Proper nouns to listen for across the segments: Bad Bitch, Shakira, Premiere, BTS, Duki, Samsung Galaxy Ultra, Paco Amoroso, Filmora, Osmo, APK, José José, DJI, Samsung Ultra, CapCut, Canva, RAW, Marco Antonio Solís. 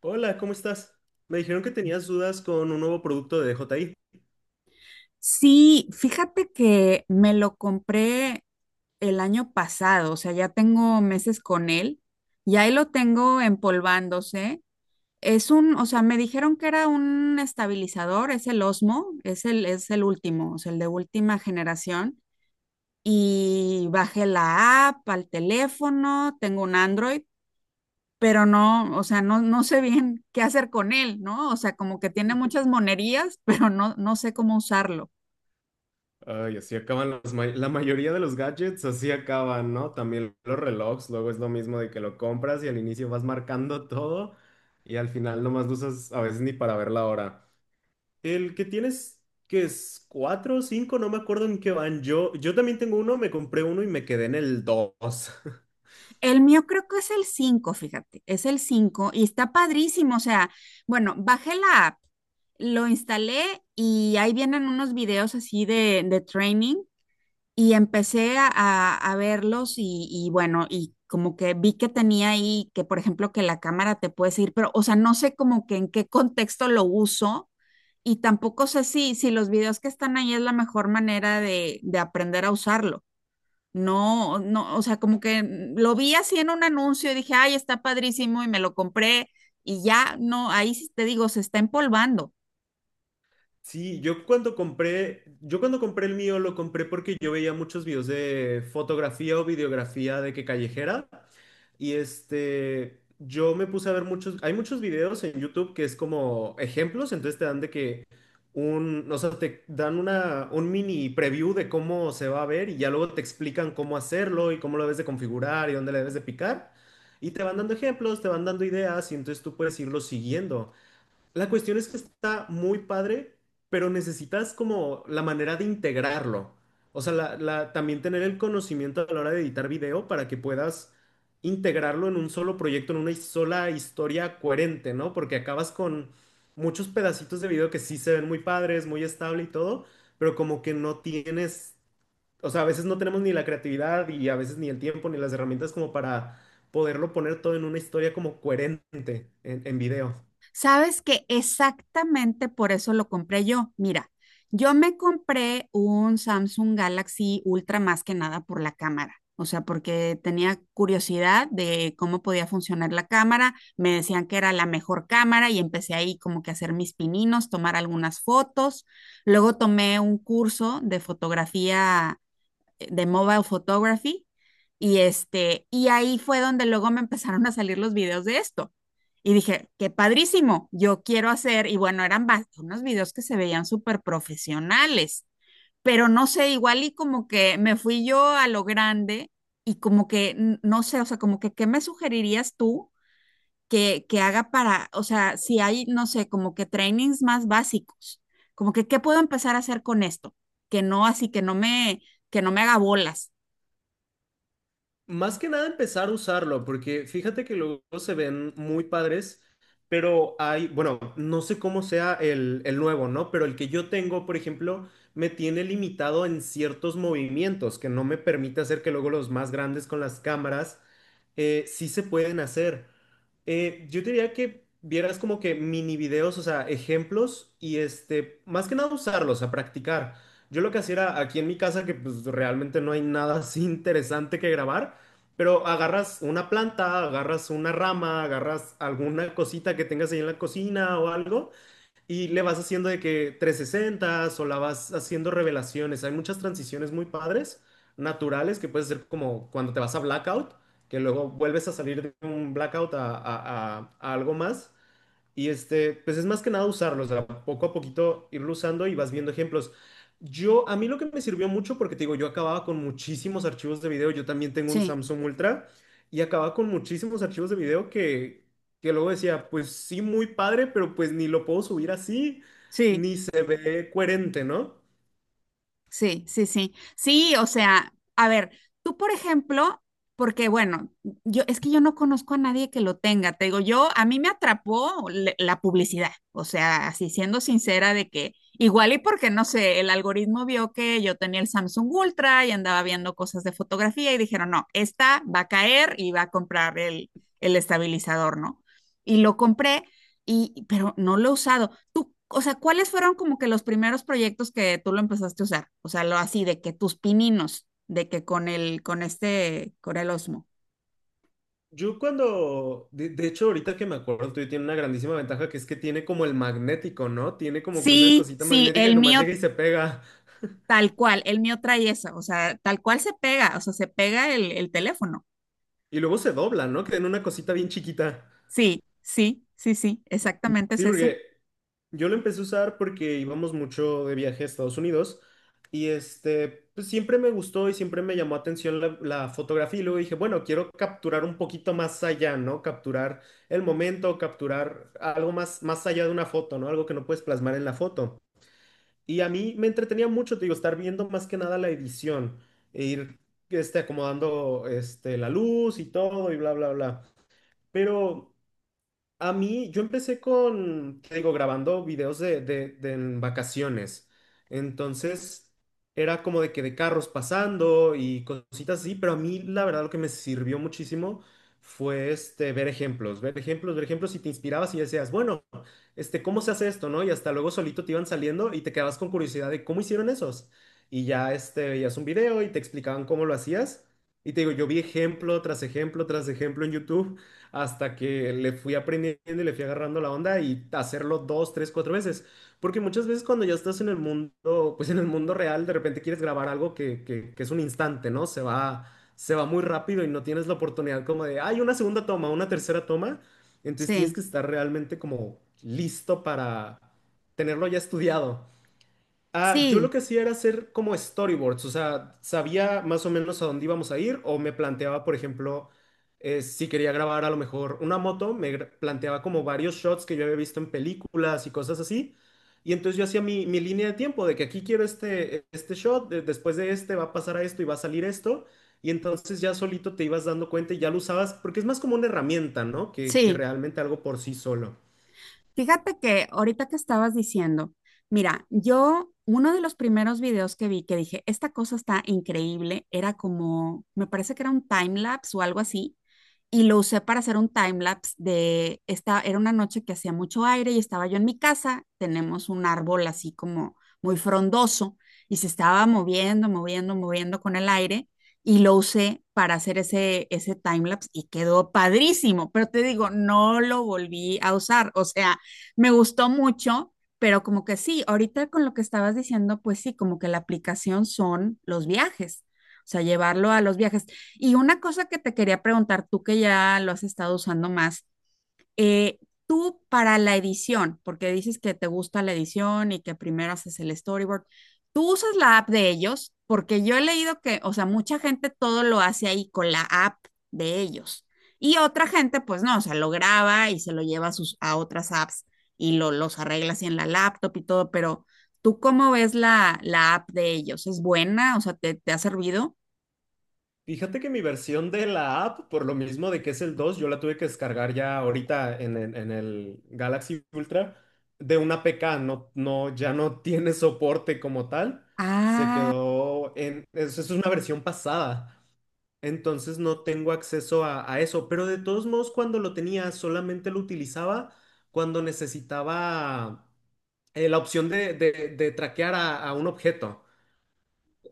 Hola, ¿cómo estás? Me dijeron que tenías dudas con un nuevo producto de DJI. Sí, fíjate que me lo compré el año pasado, o sea, ya tengo meses con él y ahí lo tengo empolvándose. O sea, me dijeron que era un estabilizador, es el Osmo, es el último, o sea, el de última generación. Y bajé la app al teléfono, tengo un Android, pero no, o sea, no sé bien qué hacer con él, ¿no? O sea, como que tiene muchas monerías, pero no sé cómo usarlo. Ay, así acaban la mayoría de los gadgets, así acaban, ¿no? También los relojes, luego es lo mismo de que lo compras y al inicio vas marcando todo y al final nomás lo usas a veces ni para ver la hora. El que tienes, que es cuatro o cinco, no me acuerdo en qué van. Yo también tengo uno, me compré uno y me quedé en el dos. El mío creo que es el 5, fíjate, es el 5 y está padrísimo. O sea, bueno, bajé la app, lo instalé y ahí vienen unos videos así de training y empecé a verlos y bueno, y como que vi que tenía ahí que, por ejemplo, que la cámara te puede seguir, pero, o sea, no sé como que en qué contexto lo uso y tampoco sé si los videos que están ahí es la mejor manera de aprender a usarlo. No, no, o sea, como que lo vi así en un anuncio y dije, ay, está padrísimo y me lo compré y ya, no, ahí sí te digo, se está empolvando. Sí, yo cuando compré el mío lo compré porque yo veía muchos videos de fotografía o videografía de que callejera y este, yo me puse a ver muchos, hay muchos videos en YouTube que es como ejemplos, entonces te dan de que un, o sea, te dan una, un mini preview de cómo se va a ver y ya luego te explican cómo hacerlo y cómo lo debes de configurar y dónde le debes de picar y te van dando ejemplos, te van dando ideas y entonces tú puedes irlo siguiendo. La cuestión es que está muy padre, pero necesitas como la manera de integrarlo. O sea, también tener el conocimiento a la hora de editar video para que puedas integrarlo en un solo proyecto, en una sola historia coherente, ¿no? Porque acabas con muchos pedacitos de video que sí se ven muy padres, muy estable y todo, pero como que no tienes, o sea, a veces no tenemos ni la creatividad y a veces ni el tiempo ni las herramientas como para poderlo poner todo en una historia como coherente en video. Sabes que exactamente por eso lo compré yo. Mira, yo me compré un Samsung Galaxy Ultra más que nada por la cámara. O sea, porque tenía curiosidad de cómo podía funcionar la cámara. Me decían que era la mejor cámara y empecé ahí como que a hacer mis pininos, tomar algunas fotos. Luego tomé un curso de fotografía de mobile photography y este, y ahí fue donde luego me empezaron a salir los videos de esto. Y dije, qué padrísimo, yo quiero hacer, y bueno, eran unos videos que se veían súper profesionales, pero no sé, igual y como que me fui yo a lo grande y como que, no sé, o sea, como que, ¿qué me sugerirías tú que haga para, o sea, si hay, no sé, como que trainings más básicos, como que, ¿qué puedo empezar a hacer con esto? Que no, así que que no me haga bolas. Más que nada empezar a usarlo, porque fíjate que luego se ven muy padres, pero hay, bueno, no sé cómo sea el nuevo, ¿no? Pero el que yo tengo, por ejemplo, me tiene limitado en ciertos movimientos que no me permite hacer que luego los más grandes con las cámaras sí se pueden hacer. Yo diría que vieras como que mini videos, o sea, ejemplos y este, más que nada usarlos, a practicar. Yo lo que hacía era aquí en mi casa, que pues realmente no hay nada así interesante que grabar. Pero agarras una planta, agarras una rama, agarras alguna cosita que tengas ahí en la cocina o algo y le vas haciendo de que 360 o la vas haciendo revelaciones. Hay muchas transiciones muy padres, naturales, que puedes hacer como cuando te vas a blackout, que luego vuelves a salir de un blackout a algo más. Y este, pues es más que nada usarlo, o sea, poco a poquito irlo usando y vas viendo ejemplos. Yo, a mí lo que me sirvió mucho, porque te digo, yo acababa con muchísimos archivos de video, yo también tengo un Sí, Samsung Ultra y acababa con muchísimos archivos de video que luego decía, pues sí, muy padre, pero pues ni lo puedo subir así, sí, ni se ve coherente, ¿no? sí, sí, sí. Sí, o sea, a ver, tú por ejemplo, porque bueno, yo es que yo no conozco a nadie que lo tenga, te digo, yo a mí me atrapó la publicidad, o sea, así siendo sincera de que igual y porque no sé, el algoritmo vio que yo tenía el Samsung Ultra y andaba viendo cosas de fotografía y dijeron, "No, esta va a caer y va a comprar el estabilizador, ¿no?". Y lo compré. Y, pero no lo he usado. Tú, o sea, ¿cuáles fueron como que los primeros proyectos que tú lo empezaste a usar? O sea, lo así de que tus pininos, de que con el, con este, con el Osmo. Yo cuando, de hecho, ahorita que me acuerdo, tú tiene una grandísima ventaja que es que tiene como el magnético, ¿no? Tiene como que una Sí, cosita sí, magnética el que nomás mío llega y se pega. tal cual, el mío trae eso, o sea, tal cual se pega, o sea, se pega el teléfono. Y luego se dobla, ¿no? Que en una cosita bien chiquita. Sí, sí, sí, sí, exactamente es Sí, ese. porque yo lo empecé a usar porque íbamos mucho de viaje a Estados Unidos y este, pues siempre me gustó y siempre me llamó atención la fotografía y luego dije, bueno, quiero capturar un poquito más allá, ¿no? Capturar el momento, capturar algo más, más allá de una foto, ¿no? Algo que no puedes plasmar en la foto. Y a mí me entretenía mucho, te digo, estar viendo más que nada la edición e ir este, acomodando este, la luz y todo y bla, bla, bla. Pero... A mí, yo empecé con, te digo, grabando videos de en vacaciones. Entonces, era como de que de carros pasando y cositas así, pero a mí, la verdad, lo que me sirvió muchísimo fue este, ver ejemplos, ver ejemplos, ver ejemplos y te inspirabas y decías, bueno este, ¿cómo se hace esto, no? Y hasta luego solito te iban saliendo y te quedabas con curiosidad de cómo hicieron esos. Y ya, este, veías un video y te explicaban cómo lo hacías. Y te digo, yo vi ejemplo tras ejemplo tras ejemplo en YouTube hasta que le fui aprendiendo y le fui agarrando la onda y hacerlo dos, tres, cuatro veces. Porque muchas veces cuando ya estás en el mundo, pues en el mundo real, de repente quieres grabar algo que es un instante, ¿no? Se va muy rápido y no tienes la oportunidad como de, hay una segunda toma, una tercera toma. Entonces tienes Sí, que estar realmente como listo para tenerlo ya estudiado. Ah, yo lo sí, que hacía era hacer como storyboards, o sea, sabía más o menos a dónde íbamos a ir o me planteaba, por ejemplo, si quería grabar a lo mejor una moto, planteaba como varios shots que yo había visto en películas y cosas así. Y entonces yo hacía mi línea de tiempo de que aquí quiero este, este shot, después de este va a pasar a esto y va a salir esto. Y entonces ya solito te ibas dando cuenta y ya lo usabas, porque es más como una herramienta, ¿no? Que sí. realmente algo por sí solo. Fíjate que ahorita que estabas diciendo, mira, yo uno de los primeros videos que vi que dije, esta cosa está increíble, era como, me parece que era un time lapse o algo así, y lo usé para hacer un time lapse de esta, era una noche que hacía mucho aire y estaba yo en mi casa, tenemos un árbol así como muy frondoso y se estaba moviendo, moviendo, moviendo con el aire y lo usé para hacer ese time lapse y quedó padrísimo, pero te digo, no lo volví a usar, o sea, me gustó mucho, pero como que sí, ahorita con lo que estabas diciendo, pues sí, como que la aplicación son los viajes. O sea, llevarlo a los viajes. Y una cosa que te quería preguntar, tú que ya lo has estado usando más, eh, tú para la edición, porque dices que te gusta la edición y que primero haces el storyboard, ¿tú usas la app de ellos? Porque yo he leído que, o sea, mucha gente todo lo hace ahí con la app de ellos. Y otra gente, pues no, o sea, lo graba y se lo lleva a otras apps y los arregla así en la laptop y todo, pero ¿tú cómo ves la app de ellos? ¿Es buena? O sea, ¿te ha servido? Fíjate que mi versión de la app, por lo mismo de que es el 2, yo la tuve que descargar ya ahorita en el Galaxy Ultra de una APK, no, no, ya no tiene soporte como tal, se Ah, quedó en, es, una versión pasada, entonces no tengo acceso a eso, pero de todos modos cuando lo tenía solamente lo utilizaba cuando necesitaba la opción de traquear a un objeto.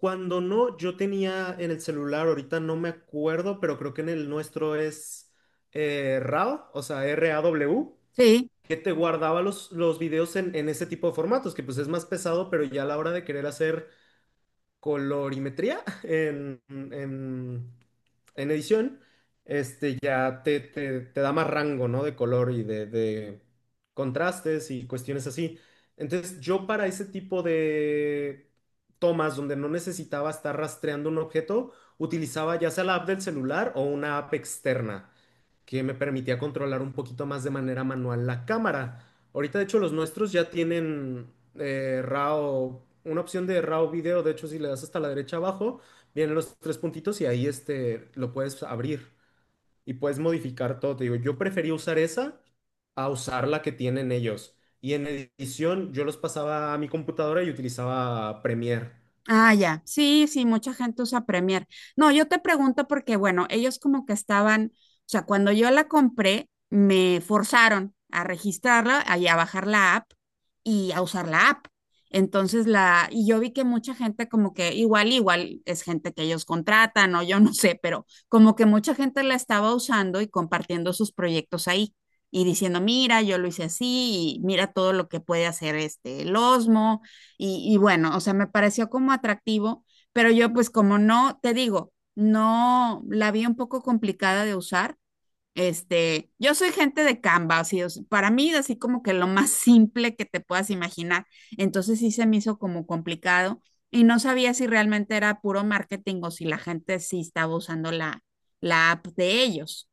Cuando no, yo tenía en el celular, ahorita no me acuerdo, pero creo que en el nuestro es RAW, o sea, RAW, sí. que te guardaba los videos en ese tipo de formatos, que pues es más pesado, pero ya a la hora de querer hacer colorimetría en edición, este ya te da más rango, ¿no? De color y de contrastes y cuestiones así. Entonces, yo para ese tipo de tomas donde no necesitaba estar rastreando un objeto, utilizaba ya sea la app del celular o una app externa que me permitía controlar un poquito más de manera manual la cámara. Ahorita, de hecho, los nuestros ya tienen RAW, una opción de RAW video. De hecho, si le das hasta la derecha abajo, vienen los tres puntitos y ahí este, lo puedes abrir y puedes modificar todo. Te digo, yo prefería usar esa a usar la que tienen ellos. Y en edición, yo los pasaba a mi computadora y utilizaba Premiere. Ah, ya. Sí, sí, mucha gente usa Premiere. No, yo te pregunto porque, bueno, ellos como que estaban, o sea, cuando yo la compré, me forzaron a registrarla y a bajar la app y a usar la app. Entonces y yo vi que mucha gente como que igual es gente que ellos contratan o yo no sé, pero como que mucha gente la estaba usando y compartiendo sus proyectos ahí y diciendo, mira, yo lo hice así y mira todo lo que puede hacer este, el Osmo y bueno, o sea, me pareció como atractivo, pero yo pues como no, te digo, no la vi un poco complicada de usar. Este, yo soy gente de Canva, así, o sea, para mí es así como que lo más simple que te puedas imaginar. Entonces sí se me hizo como complicado y no sabía si realmente era puro marketing o si la gente sí estaba usando la app de ellos,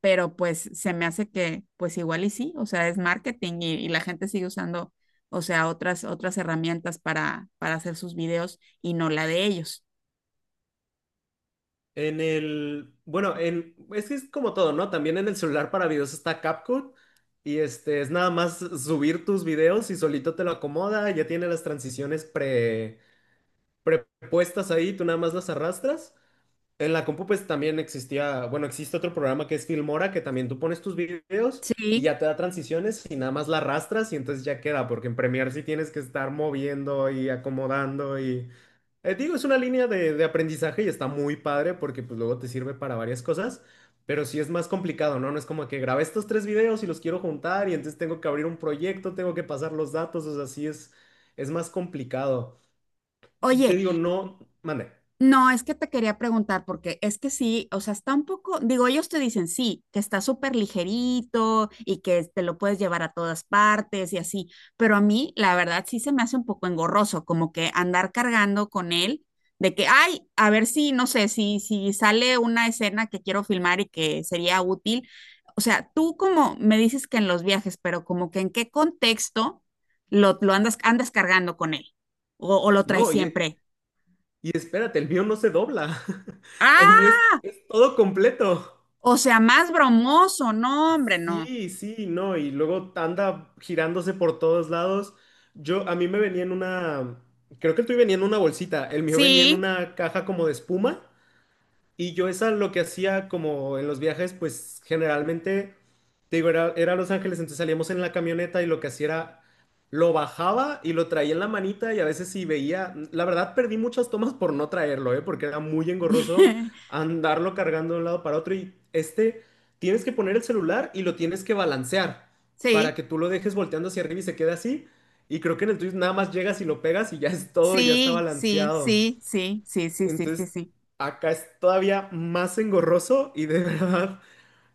pero pues se me hace que pues igual y sí, o sea, es marketing y la gente sigue usando, o sea, otras herramientas para hacer sus videos y no la de ellos. En el, bueno, en, es que es como todo, ¿no? También en el celular para videos está CapCut y este es nada más subir tus videos y solito te lo acomoda, ya tiene las transiciones prepuestas ahí, tú nada más las arrastras. En la compu pues también existía, bueno, existe otro programa que es Filmora que también tú pones tus videos y Sí. ya te da transiciones y nada más la arrastras y entonces ya queda, porque en Premiere sí tienes que estar moviendo y acomodando y digo, es una línea de aprendizaje y está muy padre porque pues luego te sirve para varias cosas, pero sí es más complicado, ¿no? No es como que grabé estos tres videos y los quiero juntar y entonces tengo que abrir un proyecto, tengo que pasar los datos, o sea, sí es más complicado. Te Oye. digo, no, mande. No, es que te quería preguntar, porque es que sí, o sea, está un poco, digo, ellos te dicen sí, que está súper ligerito y que te lo puedes llevar a todas partes y así, pero a mí, la verdad, sí se me hace un poco engorroso, como que andar cargando con él, de que, ay, a ver si, no sé, si sale una escena que quiero filmar y que sería útil. O sea, tú como me dices que en los viajes, pero como que en qué contexto lo andas, cargando con él o lo traes No, y, siempre. y espérate, el mío no se dobla, el mío ¡Ah! es todo completo. O sea, más bromoso, no, hombre, no. Sí, sí, no, y luego anda girándose por todos lados. Yo, a mí me venía en una, creo que el tuyo venía en una bolsita, el mío venía en Sí, una caja como de espuma y yo esa lo que hacía como en los viajes, pues generalmente, te digo, era Los Ángeles, entonces salíamos en la camioneta y lo que hacía era, lo bajaba y lo traía en la manita y a veces si veía, la verdad perdí muchas tomas por no traerlo, ¿eh? Porque era muy engorroso andarlo cargando de un lado para otro y este, tienes que poner el celular y lo tienes que balancear para sí, que tú lo dejes volteando hacia arriba y se quede así. Y creo que en el tuyo nada más llegas y lo pegas y ya es todo, ya está sí, sí, balanceado. sí, sí, sí, sí, sí, sí, Entonces, sí. acá es todavía más engorroso y de verdad,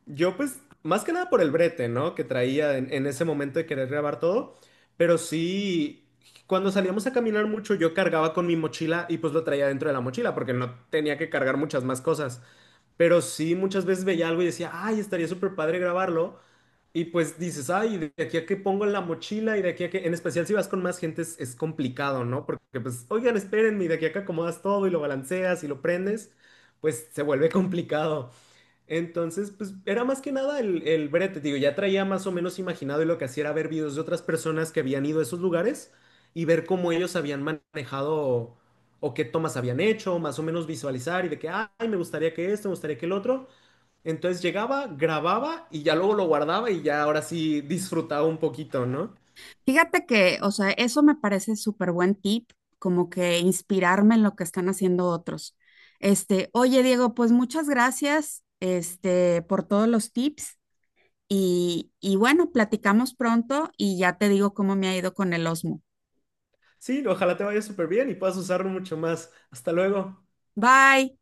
yo pues, más que nada por el brete, ¿no? Que traía en ese momento de querer grabar todo, pero sí, cuando salíamos a caminar mucho, yo cargaba con mi mochila y pues lo traía dentro de la mochila porque no tenía que cargar muchas más cosas. Pero sí, muchas veces veía algo y decía, ay, estaría súper padre grabarlo. Y pues dices, ay, de aquí a que pongo en la mochila y de aquí a que, en especial si vas con más gente es complicado, ¿no? Porque pues, oigan, espérenme, y de aquí a que acomodas todo y lo balanceas y lo prendes, pues se vuelve complicado. Entonces, pues era más que nada el brete, digo, ya traía más o menos imaginado y lo que hacía era ver videos de otras personas que habían ido a esos lugares y ver cómo ellos habían manejado o qué tomas habían hecho, más o menos visualizar y de que, ay, me gustaría que esto, me gustaría que el otro. Entonces llegaba, grababa y ya luego lo guardaba y ya ahora sí disfrutaba un poquito, ¿no? Fíjate que, o sea, eso me parece súper buen tip, como que inspirarme en lo que están haciendo otros. Este, oye, Diego, pues muchas gracias, este, por todos los tips y bueno, platicamos pronto y ya te digo cómo me ha ido con el Osmo. Sí, ojalá te vaya súper bien y puedas usarlo mucho más. Hasta luego. Bye.